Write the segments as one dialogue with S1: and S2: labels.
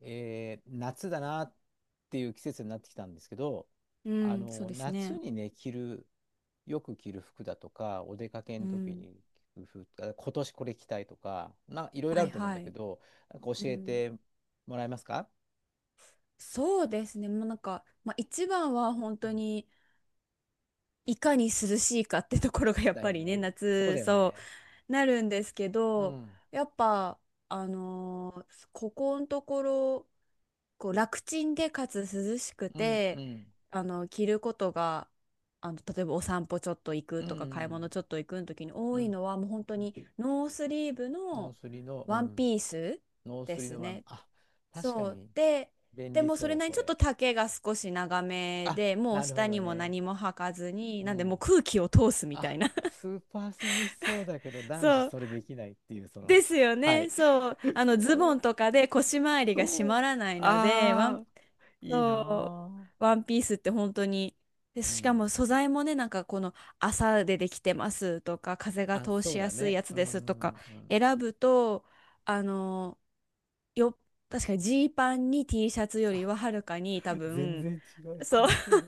S1: 夏だなっていう季節になってきたんですけど、
S2: うん、そうです
S1: 夏
S2: ね。
S1: にね、よく着る服だとか、お出かけ
S2: う
S1: の時
S2: ん。
S1: に着る服とか、今年これ着たいとか、いろいろ
S2: は
S1: あ
S2: い
S1: ると思うんだ
S2: は
S1: け
S2: い。
S1: ど、なんか
S2: う
S1: 教え
S2: ん。
S1: てもらえますか？
S2: そうですね。もうなんか、まあ、一番は本
S1: うん、
S2: 当にいかに涼しいかってところがやっ
S1: だ
S2: ぱ
S1: よ
S2: りね、
S1: ね。そう
S2: 夏、
S1: だよ
S2: そ
S1: ね。
S2: う、なるんですけ
S1: う
S2: ど、
S1: ん。
S2: やっぱ、あのーここのところ、こう楽ちんでかつ涼しく
S1: うんう
S2: て、
S1: ん。
S2: あの、着ることが、あの、例えばお散歩ちょっと行く
S1: う
S2: とか、買い物
S1: ん
S2: ちょっと行くの時に
S1: う
S2: 多い
S1: ん
S2: のは、もう本当
S1: うん。
S2: にノースリーブ
S1: ノー
S2: の
S1: スリの、う
S2: ワン
S1: ん。
S2: ピース
S1: ノース
S2: で
S1: リ
S2: す
S1: のまま、
S2: ね。
S1: あ、確か
S2: そう
S1: に
S2: で、
S1: 便
S2: で
S1: 利
S2: もそれ
S1: そう、
S2: なりに
S1: そ
S2: ちょっ
S1: れ。
S2: と丈が少し長め
S1: あ、
S2: でもう
S1: なるほ
S2: 下
S1: ど
S2: にも
S1: ね。
S2: 何も履かずに
S1: う
S2: なんでもう
S1: ん。
S2: 空気を通すみた
S1: あ、
S2: いな。
S1: スーパー涼しそうだけど、男子
S2: そう
S1: それできないっていう、その、
S2: ですよ
S1: は
S2: ね。
S1: い。
S2: そう、あ の
S1: そ
S2: ズボ
S1: れ
S2: ンとかで腰回りが締
S1: と、
S2: まらないので、
S1: ああ、いい
S2: そ
S1: な
S2: ワンピースって本当に、で、
S1: ー。う
S2: しか
S1: ん。
S2: も素材もね、なんかこの麻でできてますとか、風が
S1: あ、
S2: 通
S1: そ
S2: し
S1: う
S2: や
S1: だ
S2: すい
S1: ね。
S2: やつ
S1: うん、う
S2: ですとか
S1: ん、うん。
S2: 選ぶと、あの、よ、確かにジーパンに T シャツより
S1: あ、
S2: ははるかに多
S1: 全
S2: 分、
S1: 然違いそ
S2: そう、
S1: う、それ。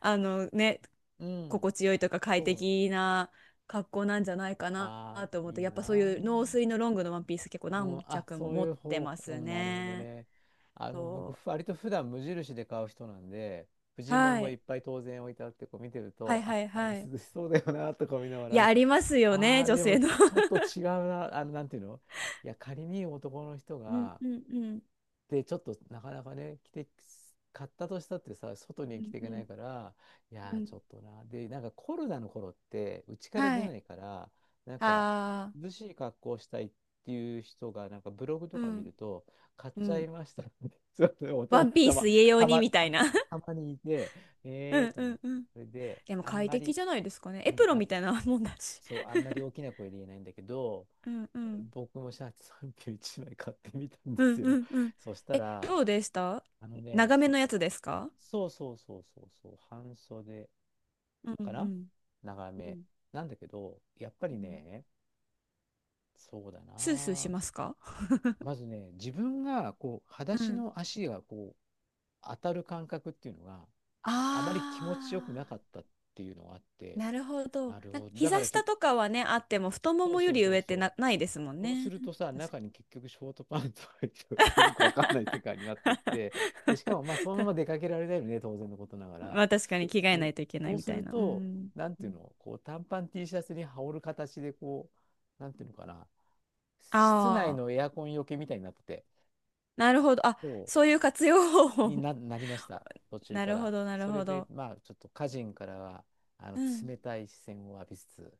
S2: あのね、
S1: うん、
S2: 心地よいとか快
S1: そう。
S2: 適な格好なんじゃないかな
S1: ああ、
S2: と思って、
S1: いい
S2: やっ
S1: な
S2: ぱそう
S1: ー。
S2: いう農水のロングのワンピース結構
S1: うん、
S2: 何
S1: あ、
S2: 着も
S1: そうい
S2: 持っ
S1: う
S2: て
S1: 方
S2: ま
S1: 法、
S2: す
S1: うん、なるほど
S2: ね。
S1: ね。あの、僕、
S2: そ
S1: 割と普段無印で買う人なんで、婦
S2: う。
S1: 人物
S2: は
S1: もいっ
S2: い。
S1: ぱい当然置いてあって、こう見てる
S2: は
S1: と、
S2: いは
S1: あ、
S2: い
S1: あれ
S2: はい。
S1: 涼しそうだよな、とか見なが
S2: いや、
S1: ら、
S2: ありますよ
S1: あ
S2: ね、
S1: あ、
S2: 女
S1: でも
S2: 性の。
S1: ちょっと 違うな、あの、なんていうの？いや、仮に男の人
S2: うん
S1: が、
S2: うんうん。
S1: で、ちょっとなかなかね、着て、買ったとしたってさ、外に
S2: う
S1: 着
S2: ん
S1: ていけ
S2: う
S1: な
S2: ん
S1: いから、い
S2: う
S1: やー、
S2: ん。
S1: ちょっとな。で、なんかコロナの頃って、うちから出
S2: は
S1: な
S2: い。
S1: いから、なんか、
S2: ああ、
S1: 涼しい格好をしたいっていう人が、なんかブログと
S2: う
S1: か見
S2: ん
S1: ると、買っ
S2: う
S1: ちゃ
S2: ん。
S1: いましたって、そうそう、
S2: ワ
S1: 男
S2: ンピー
S1: たま、
S2: ス家用
S1: た
S2: に
S1: ま、
S2: みたい
S1: た、
S2: な。
S1: たまにいて、え
S2: う
S1: ー
S2: ん
S1: と
S2: う
S1: 思っ
S2: ん
S1: て、
S2: うん。
S1: それで、
S2: でも
S1: あん
S2: 快
S1: ま
S2: 適
S1: り、
S2: じゃないですかね。エ
S1: うん、
S2: プロン
S1: あ、
S2: みたいなもんだし。
S1: そう、あんまり大 きな声で言えないんだけど、
S2: うんうん
S1: 僕もシャツ31枚買ってみたんで
S2: う
S1: す
S2: ん。
S1: よ。
S2: うんうん。
S1: そした
S2: え、
S1: ら、
S2: どうでした？
S1: あのね、
S2: 長めのやつですか？
S1: そうそうそうそうそう、半袖
S2: うんう
S1: かな、
S2: ん。
S1: 長
S2: う
S1: め。
S2: ん
S1: なんだけど、やっぱ
S2: う
S1: り
S2: ん。
S1: ね、そうだ
S2: スースーし
S1: な。
S2: ますか？
S1: まずね、自分がこう、裸
S2: う
S1: 足
S2: ん。
S1: の足がこう、当たる感覚っていうのがあまり
S2: あ
S1: 気持ちよくなかっ
S2: あ。
S1: たっていうのがあって、
S2: なるほど。
S1: なる
S2: な
S1: ほど。だか
S2: 膝
S1: ら
S2: 下
S1: け、
S2: とかはね、あっても太も
S1: そう
S2: もよ
S1: そう
S2: り
S1: そう
S2: 上っ
S1: そ
S2: て
S1: う。
S2: な、ないですもん
S1: そうす
S2: ね。
S1: るとさ、
S2: 確
S1: 中
S2: か
S1: に結局ショートパンツ入っててよくわかんない世界になってって、で、しかもまあそのまま出かけられないよね、当然のことなが
S2: に。 ま
S1: ら。
S2: あ確かに着替えな
S1: ね、
S2: いといけない
S1: そう
S2: み
S1: す
S2: たい
S1: る
S2: な。う
S1: と、
S2: ん。
S1: なんていうの、こう短パン T シャツに羽織る形でこう、なんていうのかな、室内
S2: あ
S1: の
S2: あ、
S1: エアコンよけみたいになってて、
S2: なるほど。あ、
S1: そ
S2: そういう活用方
S1: う
S2: 法。
S1: なりました、途中
S2: な
S1: か
S2: るほ
S1: ら。
S2: ど、なる
S1: それ
S2: ほ
S1: で、
S2: ど。
S1: まあちょっと家人からはあの
S2: うん。
S1: 冷たい視線を浴びつつ、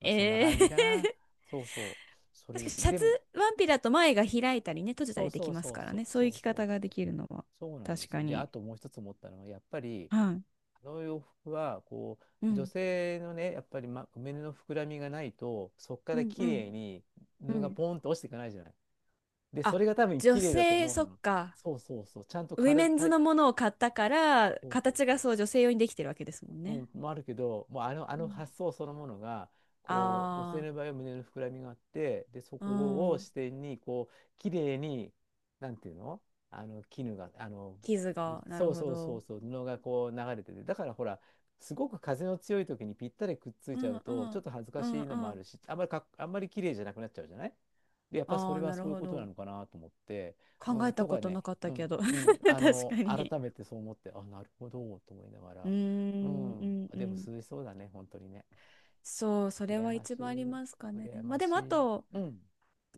S1: まあそんな
S2: ええ。
S1: 感じかな。そうそう、それ
S2: 確
S1: で
S2: かに
S1: す。
S2: シャ
S1: で、
S2: ツ、ワンピだと前が開いたりね、閉じた
S1: そう
S2: りで
S1: そ
S2: き
S1: う
S2: ます
S1: そう
S2: から
S1: そう
S2: ね。そう
S1: そ
S2: いう
S1: う
S2: 着
S1: そう
S2: 方が
S1: そ
S2: で
S1: う、
S2: きるのは。
S1: そうなんで
S2: 確
S1: す
S2: か
S1: よ。で、
S2: に。
S1: あともう一つ思ったのはやっぱり
S2: はい。
S1: あの洋服はこ
S2: う
S1: う女
S2: ん。
S1: 性のねやっぱり、ま、胸の膨らみがないとそこか
S2: う
S1: ら
S2: ん
S1: 綺
S2: う
S1: 麗
S2: ん。
S1: に
S2: う
S1: 布が
S2: ん。
S1: ポンと落ちていかないじゃない。でそ
S2: あ、
S1: れが多分
S2: 女
S1: 綺麗だと
S2: 性、
S1: 思う
S2: そっ
S1: の。
S2: か。
S1: そうそうそうちゃんと
S2: ウィ
S1: 軽
S2: メン
S1: た
S2: ズ
S1: い
S2: のものを買ったから、
S1: そうそう
S2: 形
S1: そ
S2: が
S1: う、
S2: そう女性用にできてるわけですもん
S1: う
S2: ね。
S1: ん、もあるけど、もうあの、あ
S2: う
S1: の
S2: ん。
S1: 発想そのものが、こう、女性
S2: あ
S1: の場合は胸の膨らみがあって、で、そ
S2: あ、
S1: こ
S2: う
S1: を
S2: ん。
S1: 視点に、こう、綺麗に、なんていうの？あの、あの、
S2: 傷が、なる
S1: そう
S2: ほ
S1: そうそ
S2: ど。
S1: うそう、布がこう流れてて、だからほら、すごく風の強い時にぴったりくっつい
S2: う
S1: ちゃ
S2: ん
S1: う
S2: う
S1: と、ちょ
S2: ん。
S1: っと恥ずか
S2: うん
S1: しいの
S2: う
S1: もある
S2: ん。
S1: し、あんまりかっ、あんまり綺麗じゃなくなっちゃうじゃない。で、やっぱそ
S2: あ
S1: れ
S2: あ、
S1: は
S2: なる
S1: そういう
S2: ほ
S1: ことな
S2: ど。
S1: のかなと思って、
S2: 考
S1: う
S2: え
S1: ん、
S2: た
S1: と
S2: こ
S1: か
S2: と
S1: ね、
S2: なかっ
S1: う
S2: たけ
S1: ん、
S2: ど。
S1: うん、あ
S2: 確か
S1: の、
S2: に。
S1: 改めてそう思って、あ、なるほど、と思いなが
S2: うー
S1: ら。う
S2: ん、う
S1: ん。
S2: んう
S1: でも
S2: ん。
S1: 涼しそうだね、本当にね。
S2: そう、それ
S1: 羨
S2: は
S1: ま
S2: 一
S1: し
S2: 番あり
S1: い。
S2: ますかね。
S1: 羨
S2: まあ
S1: ま
S2: で
S1: し
S2: もあ
S1: い。
S2: と、
S1: うん。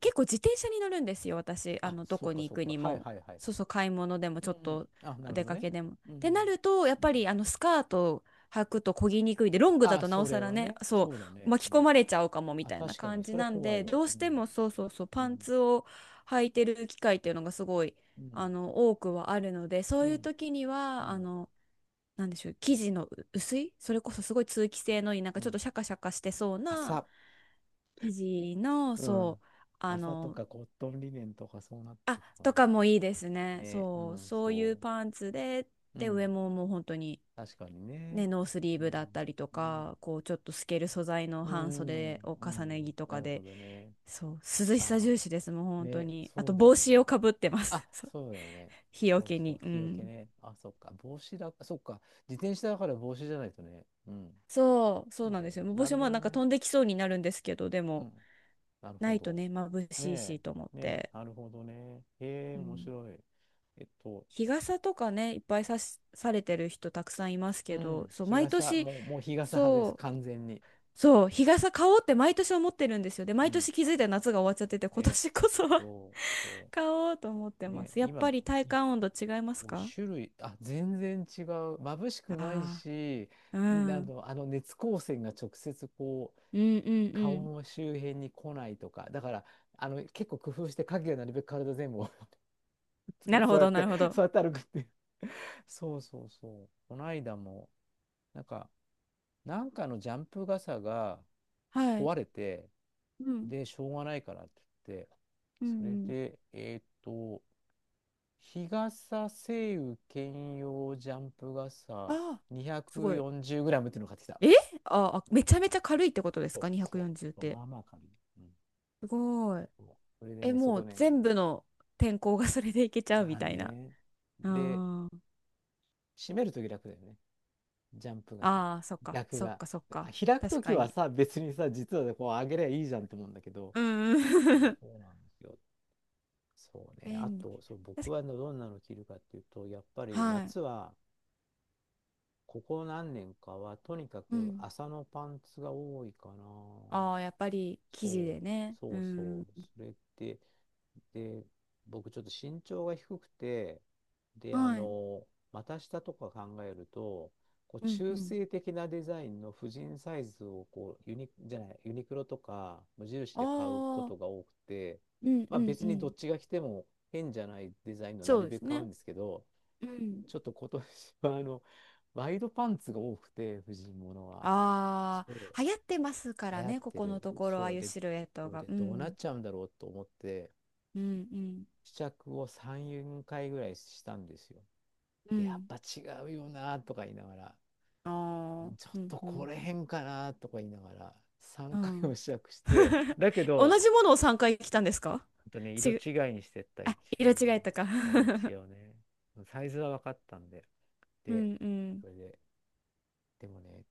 S2: 結構自転車に乗るんですよ、私。あ
S1: あ、
S2: の、ど
S1: そっ
S2: こ
S1: か
S2: に行
S1: そっ
S2: く
S1: か。
S2: に
S1: はい
S2: も。
S1: はいはいはい。
S2: そうそう、買い物でも、
S1: う
S2: ちょっ
S1: ん。
S2: と
S1: あ、なるほ
S2: 出
S1: ど
S2: か
S1: ね。
S2: けでも。っ
S1: う
S2: てな
S1: ん。
S2: ると、やっ
S1: う
S2: ぱり、
S1: ん。
S2: あの、スカート履くと漕ぎにくいで、ロングだ
S1: あ、
S2: となお
S1: そ
S2: さ
S1: れ
S2: ら
S1: は
S2: ね、
S1: ね。
S2: そ
S1: そうだ
S2: う、
S1: ね。う
S2: 巻き込
S1: ん。
S2: まれちゃうかもみ
S1: あ、
S2: たいな
S1: 確かに。
S2: 感じ
S1: それは
S2: なん
S1: 怖い
S2: で、
S1: わ。
S2: どう
S1: う
S2: して
S1: ん。
S2: もそうそうそう、
S1: う
S2: パン
S1: ん。
S2: ツを履いてる機会っていうのがすごい、
S1: うん。
S2: あの、多くはあるので、そ
S1: う
S2: ういう
S1: ん。
S2: 時に
S1: う
S2: は、あ
S1: ん。
S2: の、なんでしょう、生地の薄い、それこそすごい通気性のいい、なん
S1: う
S2: かちょっ
S1: ん。
S2: とシャカシャカしてそうな
S1: 朝。
S2: 生地の、
S1: う
S2: そ
S1: ん。
S2: う、あ
S1: 朝と
S2: の、
S1: かコットンリネンとかそうなって
S2: あ、
S1: くかな。
S2: とかもいいですね。
S1: ね。う
S2: そう、
S1: ん。
S2: そういう
S1: そ
S2: パンツで、
S1: う。う
S2: で、上
S1: ん。
S2: ももう本当に、
S1: 確かにね。
S2: ね、ノースリー
S1: う
S2: ブだっ
S1: ん。
S2: たりと
S1: ね。
S2: か、こう、ちょっと透ける素材の
S1: うー
S2: 半
S1: ん、
S2: 袖を
S1: う
S2: 重ね
S1: ん、
S2: 着と
S1: な
S2: か
S1: るほ
S2: で、
S1: どね。
S2: そう、涼しさ
S1: あ
S2: 重視
S1: あ、
S2: です、もう本当
S1: ね、
S2: に。あ
S1: そ
S2: と、
S1: うだよ
S2: 帽子
S1: ね。
S2: をかぶってま
S1: あ、
S2: す。そう、
S1: そうだよね。
S2: 日よ
S1: そう
S2: け
S1: そ
S2: に。
S1: う、
S2: う
S1: 日よけ
S2: ん。
S1: ね。あ、そっか、帽子だ、そっか、自転車だから帽子じゃないとね。うん、
S2: そう、そう
S1: そう
S2: なん
S1: だ
S2: で
S1: よ
S2: すよ。
S1: ね。
S2: もう帽
S1: な
S2: 子
S1: るほ
S2: もな
S1: ど
S2: んか
S1: ね。
S2: 飛んできそうになるんですけど、で
S1: う
S2: も、
S1: ん、なる
S2: な
S1: ほ
S2: いと
S1: ど。
S2: ね、眩しい
S1: ね
S2: しと思っ
S1: え、ねえ、
S2: て。
S1: なるほどね。へえ、
S2: う
S1: 面
S2: ん。
S1: 白い。えっと、
S2: 日傘とかね、いっぱいさし、されてる人たくさんいます
S1: う
S2: けど、
S1: ん、
S2: そう、
S1: 日
S2: 毎
S1: 傘、
S2: 年、
S1: もう、もう日傘派です、
S2: そう
S1: 完全に。
S2: そう、日傘買おうって毎年思ってるんですよ。で、
S1: う
S2: 毎
S1: ん、
S2: 年気づいたら夏が終わっちゃってて、今
S1: ね、
S2: 年こそは
S1: そう、そ
S2: 買おうと思って
S1: う、
S2: ま
S1: ね、
S2: す。やっ
S1: 今、
S2: ぱり体感温度違います
S1: もう
S2: か？
S1: 種類、あ、全然違う。眩しくない
S2: あ
S1: し、
S2: あー、う
S1: んあ
S2: ん。
S1: の、あの熱光線が直接こう、
S2: うんうんう
S1: 顔
S2: ん。
S1: の周辺に来ないとか、だから、あの、結構工夫して影がなるべく体全部を そ
S2: な
S1: う
S2: る
S1: そ
S2: ほ
S1: うやっ
S2: ど、な
S1: て、
S2: るほど。
S1: そうやって歩くっていう。そうそうそう。この間も、なんか、なんかのジャンプ傘が
S2: はい。
S1: 壊れて、
S2: うん。
S1: で、しょうがないからって言って、
S2: う
S1: それ
S2: んうん。
S1: で、日傘、晴雨兼用ジャンプ傘、
S2: ああ、
S1: 2
S2: すごい。
S1: 4 0ムっていうのを買ってきた。
S2: え、ああ、めちゃめちゃ軽いってことです
S1: そう
S2: か？
S1: そ
S2: 240 っ
S1: う。
S2: て。
S1: まあまあ軽い。うん。
S2: すごい。
S1: そう、それで
S2: え、
S1: ね、そ
S2: も
S1: こ
S2: う
S1: ね、
S2: 全部の天候がそれでいけちゃう
S1: ま
S2: み
S1: あ
S2: たいな。
S1: ね。
S2: あ
S1: で、
S2: ー。
S1: 閉めるとき楽だよね。ジャンプ傘。
S2: あー、そっか、
S1: 逆
S2: そっ
S1: が。
S2: か、そっ
S1: あ、
S2: か。
S1: 開く
S2: 確
S1: とき
S2: か
S1: は
S2: に。
S1: さ、別にさ、実はねこう上げりゃいいじゃんと思うんだけど、
S2: うん
S1: そ
S2: う
S1: う
S2: ん。
S1: そ うなんですよ。そうね。あ
S2: 便利。
S1: と、そう、僕
S2: 確
S1: はねどんなの着るかっていうと、やっぱ
S2: か
S1: り
S2: はい。
S1: 夏はここ何年かは、とにか
S2: う
S1: く
S2: ん。
S1: 麻のパンツが多いかな。
S2: ああ、やっぱり生地
S1: そ
S2: で
S1: う、
S2: ね。う
S1: そうそ
S2: ん。
S1: う。それってで、僕ちょっと身長が低くて、で、あ
S2: はい。
S1: の、股下とか考えると、こう
S2: うんう
S1: 中
S2: ん。
S1: 性的なデザインの婦人サイズをこうユニ、じゃない、ユニクロとか無印
S2: あ
S1: で買うこ
S2: あ、
S1: とが多くて、
S2: うん
S1: ま
S2: う
S1: あ
S2: んう
S1: 別にど
S2: ん。
S1: っちが着ても変じゃないデザインのな
S2: そう
S1: る
S2: で
S1: べく
S2: す
S1: 買う
S2: ね。
S1: んですけど、
S2: うん。
S1: ちょっと今年は あの、ワイドパンツが多くて、婦人物は。そ
S2: あ
S1: う、
S2: あ、流行ってますか
S1: 流
S2: ら
S1: 行っ
S2: ね、こ
S1: て
S2: この
S1: る。
S2: ところ、ああいうシルエット
S1: そう
S2: が。
S1: で、
S2: う
S1: どうなっ
S2: ん。
S1: ちゃうんだろうと思って、
S2: うんうん。
S1: 試着を3、4回ぐらいしたんですよ。
S2: う
S1: で、やっ
S2: ん。
S1: ぱ違うよなとか言いながら、
S2: ああ、
S1: ちょっ
S2: うん
S1: と
S2: う
S1: こ
S2: ん。
S1: れ変かなとか言いながら、3
S2: う
S1: 回も
S2: ん。
S1: 試着して、だけ
S2: 同
S1: ど、ほ
S2: じものを3回着たんですか？
S1: んとね、色
S2: ちぐ、
S1: 違いにしてった、
S2: あ、
S1: 一
S2: 色違
S1: 応。
S2: いとか。
S1: そう、一応ね。サイズは分かったんで。
S2: う
S1: で、
S2: んうん。
S1: それで、でもね、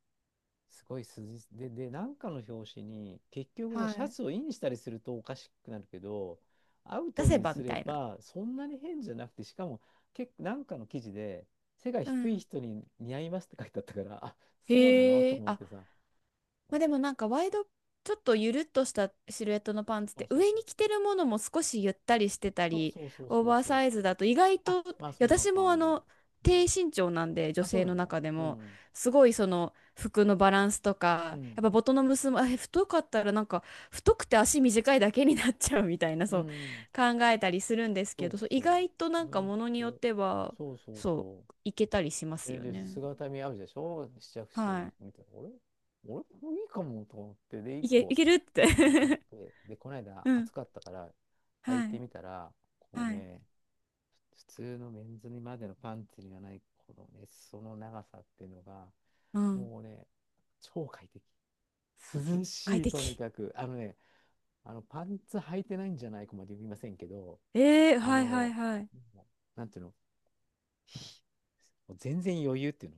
S1: すごい筋で、で、なんかの表紙に、結局こう
S2: は
S1: シャ
S2: い。
S1: ツをインしたりするとおかしくなるけど、アウ
S2: 出
S1: ト
S2: せ
S1: に
S2: ば
S1: す
S2: み
S1: れ
S2: たいな。
S1: ばそんなに変じゃなくて、しかも結構なんかの記事で、背が
S2: う
S1: 低い
S2: ん。
S1: 人に似合いますって書いてあったから、あ、そうなの
S2: へ
S1: と
S2: え、
S1: 思っ
S2: あ、
S1: てさ。
S2: まあ、でもなんかワイド、ちょっとゆるっとしたシルエットのパンツっ
S1: そう
S2: て
S1: そう
S2: 上
S1: そう。
S2: に着てるものも少しゆったりしてた
S1: そう
S2: り
S1: そうそう
S2: オー
S1: そう
S2: バー
S1: そう
S2: サイ
S1: そ
S2: ズ
S1: う。
S2: だと意外
S1: あ、
S2: と、
S1: まあそんな
S2: 私もあ
S1: 感じ。
S2: の
S1: う
S2: 低
S1: ん、
S2: 身長なんで女
S1: あ、そ
S2: 性
S1: うな
S2: の
S1: の
S2: 中で
S1: う
S2: も
S1: ん。
S2: すごいその服のバランスと
S1: う
S2: か
S1: ん。
S2: やっぱボトの結びあ太かったらなんか太くて足短いだけになっちゃうみたいな、
S1: う
S2: そう
S1: ん。
S2: 考えたりするんです
S1: そ
S2: けど、
S1: う
S2: そう
S1: そ
S2: 意
S1: う。
S2: 外とな
S1: 意
S2: んか
S1: 外
S2: ものによっ
S1: と。
S2: ては
S1: そうそう
S2: そ
S1: そう。
S2: ういけたりします
S1: え、
S2: よ
S1: で、
S2: ね。
S1: 姿見あるでしょ試着室に
S2: は
S1: 見て、俺、俺もいいかもと思って、で、1
S2: い。い
S1: 個、
S2: けるって。
S1: で、買って、で、この 間
S2: う
S1: 暑
S2: ん。
S1: かったから、履い
S2: は
S1: て
S2: い。
S1: みたら、この
S2: はい。
S1: ね、普通のメンズにまでのパンツにはない、このね、その長さっていうのが、
S2: うん。
S1: もうね、超快適。涼
S2: 快
S1: しい、とに
S2: 適。
S1: かく。あのね、あの、パンツ履いてないんじゃないかまで言いませんけど、
S2: ええ、
S1: あ
S2: はいは
S1: の、
S2: いはい。
S1: うなんていうの、もう全然余裕っていうの。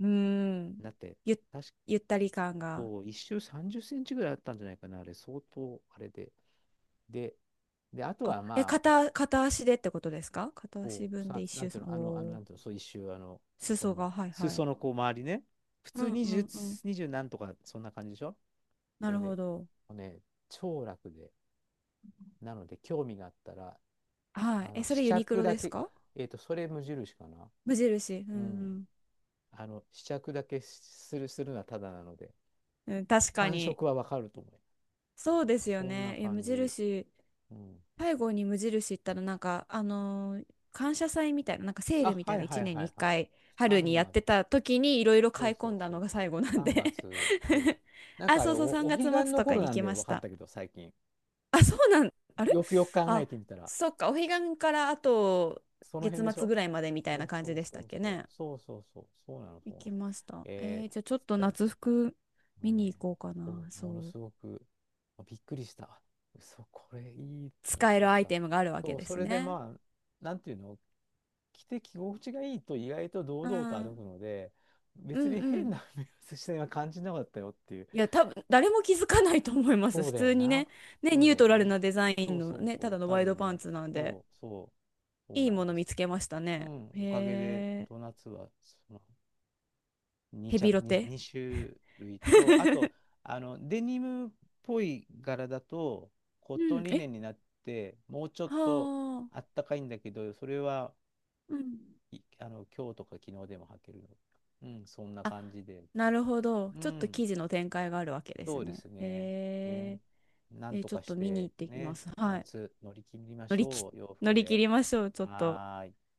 S2: うん。
S1: だって、
S2: ゆ、
S1: 確
S2: ゆったり感が。
S1: そう、一周30センチぐらいあったんじゃないかな、あれ、相当、あれで。で、で、あと
S2: あ、
S1: は
S2: え、
S1: まあ、
S2: 片足でってことですか？片足
S1: こう、
S2: 分で
S1: さ、
S2: 一
S1: なん
S2: 周
S1: てい
S2: さ
S1: う
S2: ん。
S1: の、あの、あの、
S2: お
S1: なんて
S2: ー。
S1: いうの、そう一周、あの、こ
S2: 裾
S1: の、
S2: が、はいはい。
S1: 裾のこう、周りね、普
S2: う
S1: 通
S2: んうんうん。
S1: 20、2な何とか、そんな感じでしょ？
S2: な
S1: それ
S2: る
S1: で、
S2: ほど。
S1: もうね、超楽で、なので、興味があったら、
S2: はい。
S1: あ
S2: え、
S1: の、
S2: そ
S1: 試
S2: れユニク
S1: 着
S2: ロ
S1: だ
S2: です
S1: け、
S2: か？
S1: えっと、それ無印かな。
S2: 無印。う
S1: うん。
S2: ん
S1: あの、試着だけする、するのはただなので、
S2: うん。うん、確か
S1: 感
S2: に。
S1: 触はわかると思う。
S2: そうですよ
S1: そんな
S2: ね。え、無
S1: 感じ。
S2: 印。
S1: うん。
S2: 最後に無印行ったらなんか感謝祭みたいななんかセー
S1: あ、
S2: ルみた
S1: は
S2: い
S1: い
S2: な
S1: は
S2: 1
S1: い
S2: 年
S1: は
S2: に
S1: い
S2: 1
S1: はい。
S2: 回春に
S1: 3
S2: やっ
S1: 月、
S2: てた時にいろいろ
S1: そ
S2: 買
S1: う
S2: い
S1: そ
S2: 込
S1: う
S2: んだ
S1: そ
S2: の
S1: う。
S2: が最後なん
S1: 3
S2: で。
S1: 月、そ う。なん
S2: あ、
S1: かあ
S2: そ
S1: れ、
S2: う
S1: お、
S2: そう、3
S1: お
S2: 月
S1: 彼
S2: 末
S1: 岸の
S2: とか
S1: 頃
S2: に行
S1: なん
S2: き
S1: で
S2: まし
S1: 分かっ
S2: た。
S1: たけど、最近。
S2: あ、そうなん、あれ、
S1: よくよく考え
S2: あ、
S1: てみたら、
S2: そっか、お彼岸からあと
S1: その
S2: 月
S1: 辺でし
S2: 末
S1: ょ？
S2: ぐらいまでみたい
S1: そ
S2: な
S1: う
S2: 感
S1: そ
S2: じ
S1: う
S2: でし
S1: そ
S2: たっ
S1: う
S2: け
S1: そう。
S2: ね。
S1: そうそうそう。そうなの、そ
S2: 行
S1: うな
S2: き
S1: の。
S2: ました。え
S1: え
S2: ー、じゃあちょ
S1: ー、
S2: っ
S1: つっ
S2: と
S1: たら
S2: 夏
S1: さ、
S2: 服
S1: も
S2: 見
S1: う
S2: に
S1: ね、
S2: 行こうか
S1: そ
S2: な。
S1: う、
S2: そ
S1: もの
S2: う、
S1: すごくまあびっくりした。あ、嘘、これいいと思っ
S2: 使え
S1: て
S2: るアイ
S1: さ。
S2: テムがあるわけ
S1: そう、
S2: で
S1: そ
S2: す
S1: れで
S2: ね。
S1: まあ、なんていうの、着て着心地がいいと意外と堂
S2: う
S1: 々と歩く
S2: ん
S1: ので、
S2: う
S1: 別
S2: ん
S1: に
S2: う
S1: 変
S2: ん。
S1: な 目指しは感じなかったよっていう。
S2: いや、多分誰も気づかないと思います。
S1: そう
S2: 普
S1: だ
S2: 通
S1: よ
S2: に
S1: な。
S2: ね、ね、
S1: そう
S2: ニュ
S1: だ
S2: ート
S1: よ
S2: ラル
S1: ね。
S2: なデザイ
S1: そ
S2: ン
S1: う
S2: の
S1: そう
S2: ね、た
S1: そう。
S2: だの
S1: 多
S2: ワイド
S1: 分
S2: パン
S1: ね、
S2: ツなんで、
S1: そうそう。そう
S2: いい
S1: なん
S2: も
S1: で
S2: の
S1: す
S2: 見
S1: よ。
S2: つけました
S1: う
S2: ね。
S1: ん、おかげで、
S2: へえ、
S1: ドーナツは、その2
S2: ヘビ
S1: 着、
S2: ロ
S1: 2、
S2: テ。
S1: 二種類と、あと、あの、デニムっぽい柄だと、コッ
S2: う
S1: トン
S2: ん、
S1: リ
S2: え、
S1: ネンになって、もうちょっと
S2: は
S1: あ
S2: あ、
S1: ったかいんだけど、それは、
S2: うん。
S1: あの、今日とか昨日でも履けるの。うん、そんな
S2: あ、
S1: 感じで。
S2: なるほど。
S1: う
S2: ちょっと
S1: ん、
S2: 記事の展開があるわけです
S1: そうで
S2: ね。
S1: すね。ね、
S2: へ
S1: な
S2: え、
S1: ん
S2: え、
S1: と
S2: ちょっ
S1: かし
S2: と見に
S1: て、
S2: 行ってきま
S1: ね、
S2: す。はい。
S1: 夏乗り切りま
S2: 乗
S1: し
S2: りき、
S1: ょう、洋
S2: 乗
S1: 服
S2: り切
S1: で。
S2: りましょう、ちょっと。
S1: はーい。